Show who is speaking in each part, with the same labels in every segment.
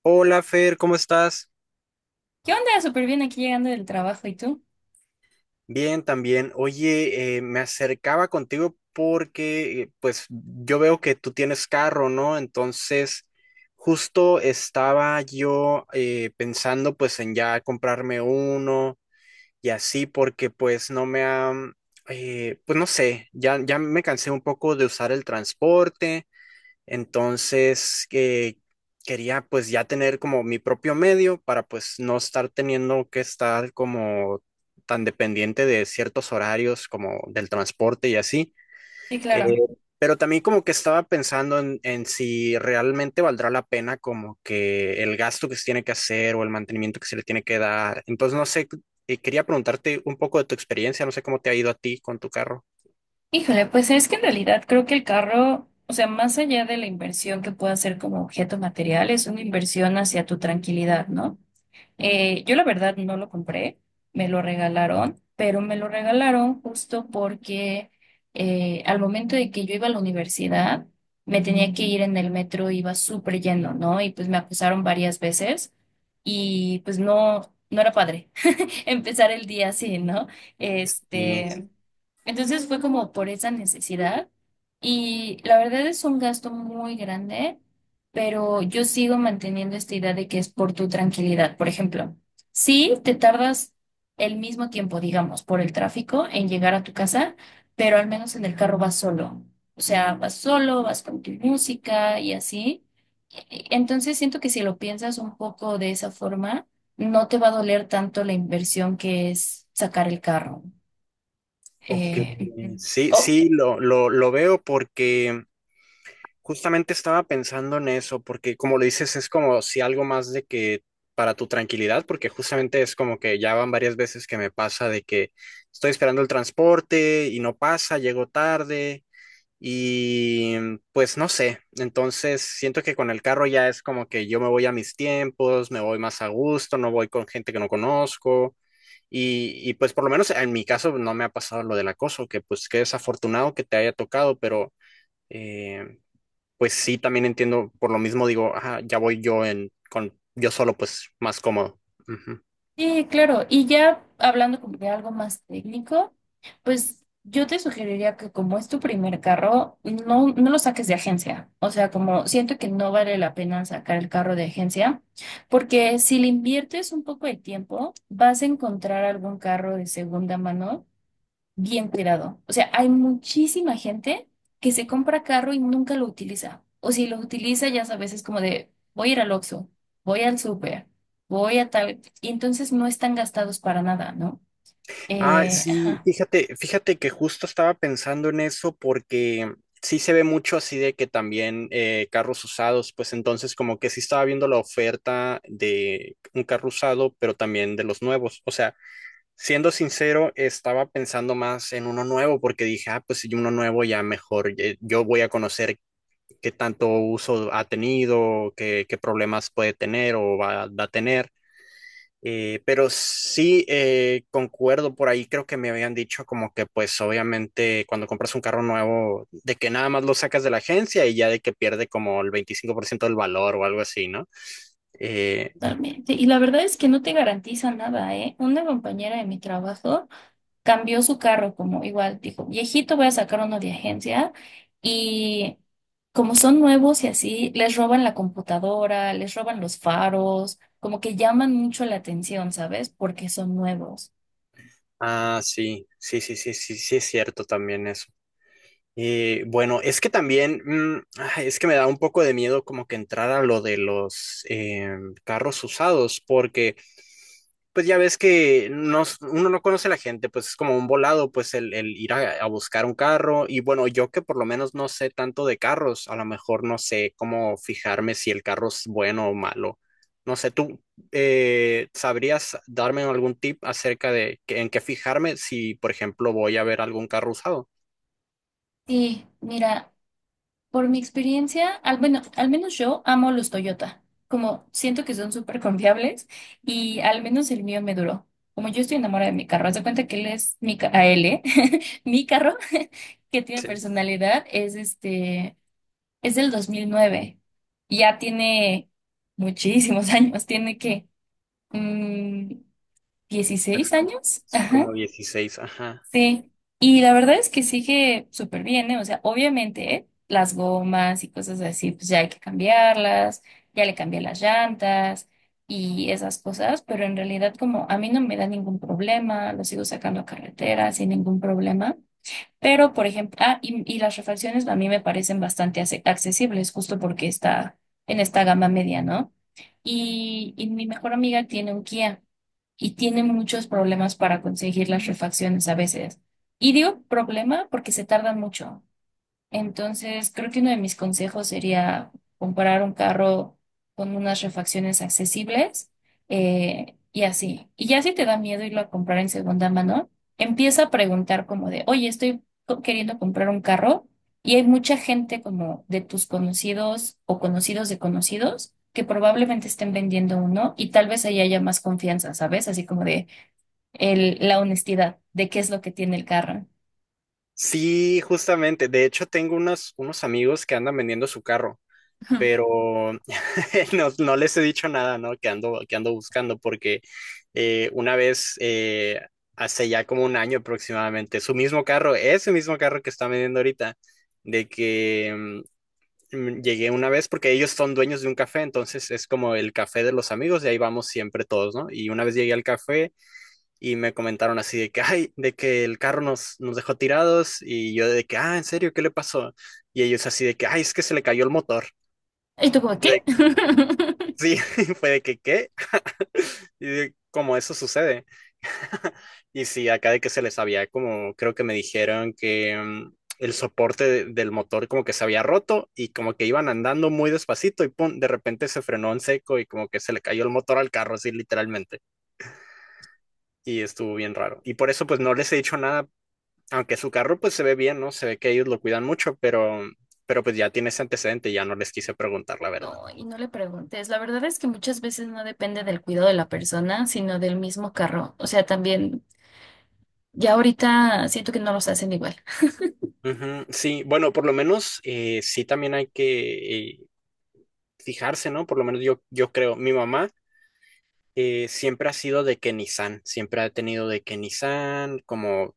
Speaker 1: Hola Fer, ¿cómo estás?
Speaker 2: Yo andaba súper bien aquí llegando del trabajo, ¿y tú?
Speaker 1: Bien, también. Oye, me acercaba contigo porque pues yo veo que tú tienes carro, ¿no? Entonces, justo estaba yo pensando pues en ya comprarme uno y así porque pues no sé, ya me cansé un poco de usar el transporte. Entonces, que quería pues ya tener como mi propio medio para pues no estar teniendo que estar como tan dependiente de ciertos horarios como del transporte y así.
Speaker 2: Sí,
Speaker 1: Eh,
Speaker 2: claro.
Speaker 1: pero también como que estaba pensando en si realmente valdrá la pena como que el gasto que se tiene que hacer o el mantenimiento que se le tiene que dar. Entonces, no sé, quería preguntarte un poco de tu experiencia, no sé cómo te ha ido a ti con tu carro.
Speaker 2: Híjole, pues es que en realidad creo que el carro, o sea, más allá de la inversión que pueda ser como objeto material, es una inversión hacia tu tranquilidad, ¿no? Yo la verdad no lo compré, me lo regalaron, pero me lo regalaron justo porque al momento de que yo iba a la universidad, me tenía que ir en el metro, iba súper lleno, ¿no? Y pues me acusaron varias veces y pues no era padre. empezar el día así, ¿no?
Speaker 1: Y,
Speaker 2: Este, entonces fue como por esa necesidad y la verdad es un gasto muy grande, pero yo sigo manteniendo esta idea de que es por tu tranquilidad. Por ejemplo, si te tardas el mismo tiempo, digamos, por el tráfico en llegar a tu casa, pero al menos en el carro vas solo. O sea, vas solo, vas con tu música y así. Entonces siento que si lo piensas un poco de esa forma, no te va a doler tanto la inversión que es sacar el carro.
Speaker 1: ok,
Speaker 2: Ujú.
Speaker 1: sí,
Speaker 2: Oh,
Speaker 1: sí, lo veo porque justamente estaba pensando en eso, porque como lo dices, es como si algo más de que para tu tranquilidad, porque justamente es como que ya van varias veces que me pasa de que estoy esperando el transporte y no pasa, llego tarde y pues no sé, entonces siento que con el carro ya es como que yo me voy a mis tiempos, me voy más a gusto, no voy con gente que no conozco. Y pues por lo menos en mi caso no me ha pasado lo del acoso, que pues qué desafortunado que te haya tocado, pero... Eh, pues sí, también entiendo, por lo mismo digo, ajá, ya voy yo en con yo solo, pues más cómodo. Ujú.
Speaker 2: sí, claro. Y ya hablando como de algo más técnico, pues yo te sugeriría que como es tu primer carro, no lo saques de agencia. O sea, como siento que no vale la pena sacar el carro de agencia, porque si le inviertes un poco de tiempo, vas a encontrar algún carro de segunda mano bien cuidado. O sea, hay muchísima gente que se compra carro y nunca lo utiliza. O si lo utiliza, ya sabes, es como de, voy a ir al Oxxo, voy al súper, voy a tal. Y entonces no están gastados para nada, ¿no?
Speaker 1: Ah, sí,
Speaker 2: Ajá,
Speaker 1: fíjate que justo estaba pensando en eso porque sí se ve mucho así de que también carros usados, pues entonces como que sí estaba viendo la oferta de un carro usado, pero también de los nuevos. O sea, siendo sincero, estaba pensando más en uno nuevo porque dije, ah, pues si uno nuevo ya mejor, yo voy a conocer qué tanto uso ha tenido, qué problemas puede tener o va a tener. Pero sí, concuerdo por ahí, creo que me habían dicho como que pues obviamente cuando compras un carro nuevo, de que nada más lo sacas de la agencia y ya de que pierde como el 25% del valor o algo así, ¿no? Eh,
Speaker 2: totalmente. Y la verdad es que no te garantiza nada, ¿eh? Una compañera de mi trabajo cambió su carro, como igual dijo, viejito, voy a sacar uno de agencia y como son nuevos y así, les roban la computadora, les roban los faros, como que llaman mucho la atención, ¿sabes? Porque son nuevos.
Speaker 1: ah, sí es cierto también eso. Y bueno, es que también, ay, es que me da un poco de miedo como que entrar a lo de los carros usados, porque pues ya ves que no, s- uno no conoce a la gente, pues es como un volado, pues el ir a buscar un carro. Y bueno, yo que por lo menos no sé tanto de carros, a lo mejor no sé cómo fijarme si el carro es bueno o malo. No sé, ¿tú sabrías darme algún tip acerca de que- en qué fijarme si, por ejemplo, voy a ver algún carro usado?
Speaker 2: Sí, mira, por mi experiencia, al, bueno, al menos yo amo los Toyota, como siento que son súper confiables y al menos el mío me duró. Como yo estoy enamorada de mi carro, haz de cuenta que él es mi, ca- a él, ¿eh? mi carro que tiene personalidad es este. Es del 2009 y ya tiene muchísimos años, tiene que mm, 16 años,
Speaker 1: Sí,
Speaker 2: ajá,
Speaker 1: como 16, ajá.
Speaker 2: sí. Y la verdad es que sigue súper bien, ¿eh? O sea, obviamente, ¿eh? Las gomas y cosas así, pues ya hay que cambiarlas, ya le cambié las llantas y esas cosas, pero en realidad como a mí no me da ningún problema, lo sigo sacando a carretera sin ningún problema. Pero, por ejemplo, ah, y las refacciones a mí me parecen bastante accesibles, justo porque está en esta gama media, ¿no? Y mi mejor amiga tiene un Kia y tiene muchos problemas para conseguir las refacciones a veces. Y digo problema porque se tardan mucho. Entonces, creo que uno de mis consejos sería comprar un carro con unas refacciones accesibles y así. Y ya si te da miedo irlo a comprar en segunda mano, empieza a preguntar como de, oye, estoy queriendo comprar un carro y hay mucha gente como de tus conocidos o conocidos de conocidos que probablemente estén vendiendo uno y tal vez ahí haya más confianza, ¿sabes? Así como de el, la honestidad de qué es lo que tiene el carro.
Speaker 1: Sí, justamente. De hecho, tengo unos, unos amigos que andan vendiendo su carro,
Speaker 2: Ujú.
Speaker 1: pero no, no les he dicho nada, ¿no? Que ando buscando, porque eh, una vez, eh, hace ya como un año aproximadamente, su mismo carro, ese mismo carro que está vendiendo ahorita, de que llegué una vez, porque ellos son dueños de un café, entonces es como el café de los amigos, y ahí vamos siempre todos, ¿no? Y una vez llegué al café. Y me comentaron así de que, ay, de que el carro nos dejó tirados y yo de que, ah, ¿en serio? ¿Qué le pasó? Y ellos así de que, ay, es que se le cayó el motor.
Speaker 2: ¿Y tú como
Speaker 1: Y
Speaker 2: qué?
Speaker 1: de- sí, fue de que, ¿qué? Y de, como eso sucede. Y sí, acá de que se les había como, creo que me dijeron que el soporte de- del motor como que se había roto y como que iban andando muy despacito y pum, de repente se frenó en seco y como que se le cayó el motor al carro así literalmente. Y estuvo bien raro. Y por eso pues no les he dicho nada aunque su carro pues se ve bien, ¿no? Se ve que ellos lo cuidan mucho, pero pues ya tiene ese antecedente, ya no les quise preguntar la verdad.
Speaker 2: No, y no le preguntes. La verdad es que muchas veces no depende del cuidado de la persona, sino del mismo carro. O sea, también ya ahorita siento que no los hacen igual.
Speaker 1: Ujú. Sí, bueno, por lo menos sí también hay que fijarse, ¿no? Por lo menos yo creo, mi mamá siempre ha sido de que Nissan, siempre ha tenido de que Nissan, como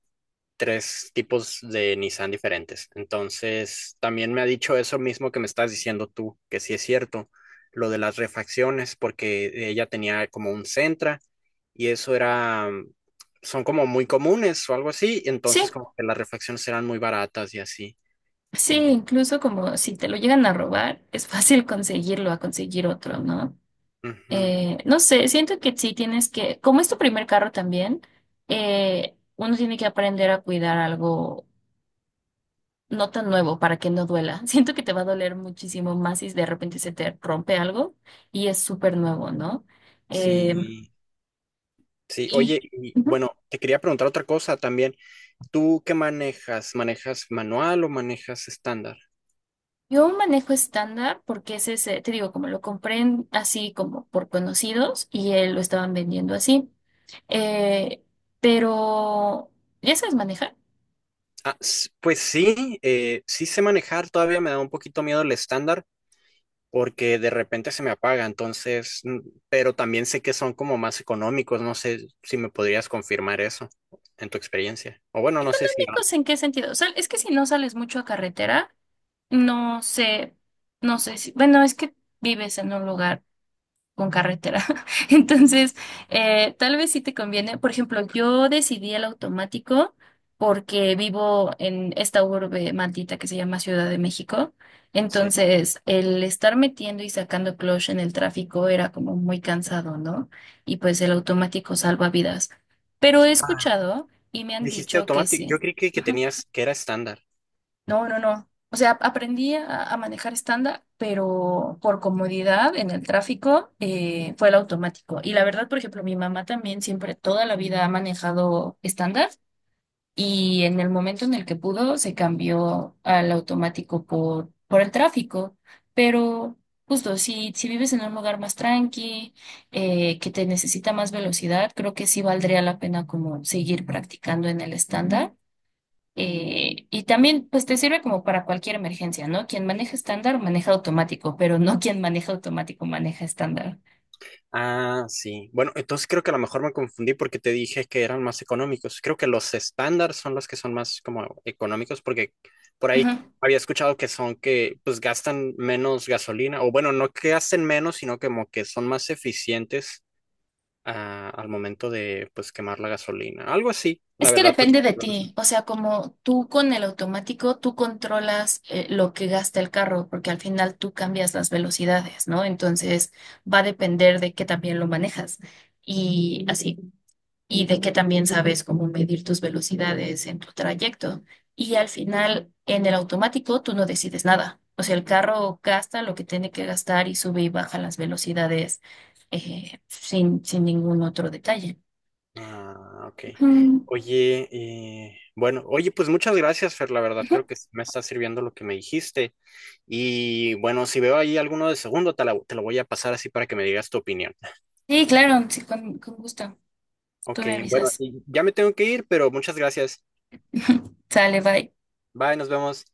Speaker 1: tres tipos de Nissan diferentes. Entonces, también me ha dicho eso mismo que me estás diciendo tú, que sí es cierto, lo de las refacciones, porque ella tenía como un Sentra y eso era, son como muy comunes o algo así,
Speaker 2: Sí,
Speaker 1: entonces como que las refacciones eran muy baratas y así.
Speaker 2: sí,
Speaker 1: Y,
Speaker 2: incluso como si te lo llegan a robar, es fácil conseguirlo a conseguir otro, ¿no?
Speaker 1: ujú,
Speaker 2: No sé, siento que sí tienes que, como es tu primer carro también, uno tiene que aprender a cuidar algo no tan nuevo para que no duela. Siento que te va a doler muchísimo más si de repente se te rompe algo y es súper nuevo, ¿no? Eh,
Speaker 1: sí, sí,
Speaker 2: y
Speaker 1: oye, y
Speaker 2: ujú.
Speaker 1: bueno, te quería preguntar otra cosa también. ¿Tú qué manejas? ¿Manejas manual o manejas estándar?
Speaker 2: Yo manejo estándar porque ese es ese, te digo, como lo compré así como por conocidos y él lo estaban vendiendo así. Eh, pero, ¿ya sabes manejar?
Speaker 1: Ah, s- pues sí, sí sé manejar, todavía me da un poquito miedo el estándar. Porque de repente se me apaga, entonces, pero también sé que son como más económicos, no sé si me podrías confirmar eso en tu experiencia. O bueno, no sé si... ah,
Speaker 2: ¿Económicos en qué sentido? O sea, es que si no sales mucho a carretera, no sé, no sé si, bueno, es que vives en un lugar. Con carretera. Entonces, tal vez sí te conviene. Por ejemplo, yo decidí el automático porque vivo en esta urbe maldita que se llama Ciudad de México.
Speaker 1: sí.
Speaker 2: Entonces, el estar metiendo y sacando clutch en el tráfico era como muy cansado, ¿no? Y pues el automático salva vidas. Pero he
Speaker 1: Ah,
Speaker 2: escuchado y me han
Speaker 1: dijiste
Speaker 2: dicho que
Speaker 1: automático, yo
Speaker 2: sí.
Speaker 1: creí que tenías que era estándar.
Speaker 2: No, no, no. O sea, aprendí a manejar estándar, pero por comodidad en el tráfico fue el automático. Y la verdad, por ejemplo, mi mamá también siempre toda la vida ha manejado estándar y en el momento en el que pudo se cambió al automático por el tráfico. Pero justo, si vives en un lugar más tranqui, que te necesita más velocidad, creo que sí valdría la pena como seguir practicando en el estándar y también, pues te sirve como para cualquier emergencia, ¿no? Quien maneja estándar maneja automático, pero no quien maneja automático maneja estándar.
Speaker 1: Ah, sí. Bueno, entonces creo que a lo mejor me confundí porque te dije que eran más económicos. Creo que los estándar son los que son más como económicos porque por ahí
Speaker 2: Ujú.
Speaker 1: había escuchado que son que pues gastan menos gasolina o bueno, no que gasten menos, sino como que son más eficientes ah, al momento de pues quemar la gasolina. Algo así, la
Speaker 2: Es que
Speaker 1: verdad, pues.
Speaker 2: depende de
Speaker 1: No.
Speaker 2: ti, o sea, como tú con el automático, tú controlas lo que gasta el carro, porque al final tú cambias las velocidades, ¿no? Entonces va a depender de que también lo manejas y así. Y de que también sabes cómo medir tus velocidades en tu trayecto. Y al final, en el automático, tú no decides nada. O sea, el carro gasta lo que tiene que gastar y sube y baja las velocidades sin ningún otro detalle.
Speaker 1: Ah, ok.
Speaker 2: Ujú,
Speaker 1: Oye, bueno, oye, pues muchas gracias, Fer, la verdad,
Speaker 2: ujú.
Speaker 1: creo que sí me está sirviendo lo que me dijiste. Y bueno, si veo ahí alguno de segundo, te, la- te lo voy a pasar así para que me digas tu opinión.
Speaker 2: Sí, claro, sí, con gusto. Tú
Speaker 1: Ok,
Speaker 2: me
Speaker 1: bueno,
Speaker 2: avisas.
Speaker 1: y ya me tengo que ir, pero muchas gracias.
Speaker 2: Sale, bye.
Speaker 1: Bye, nos vemos.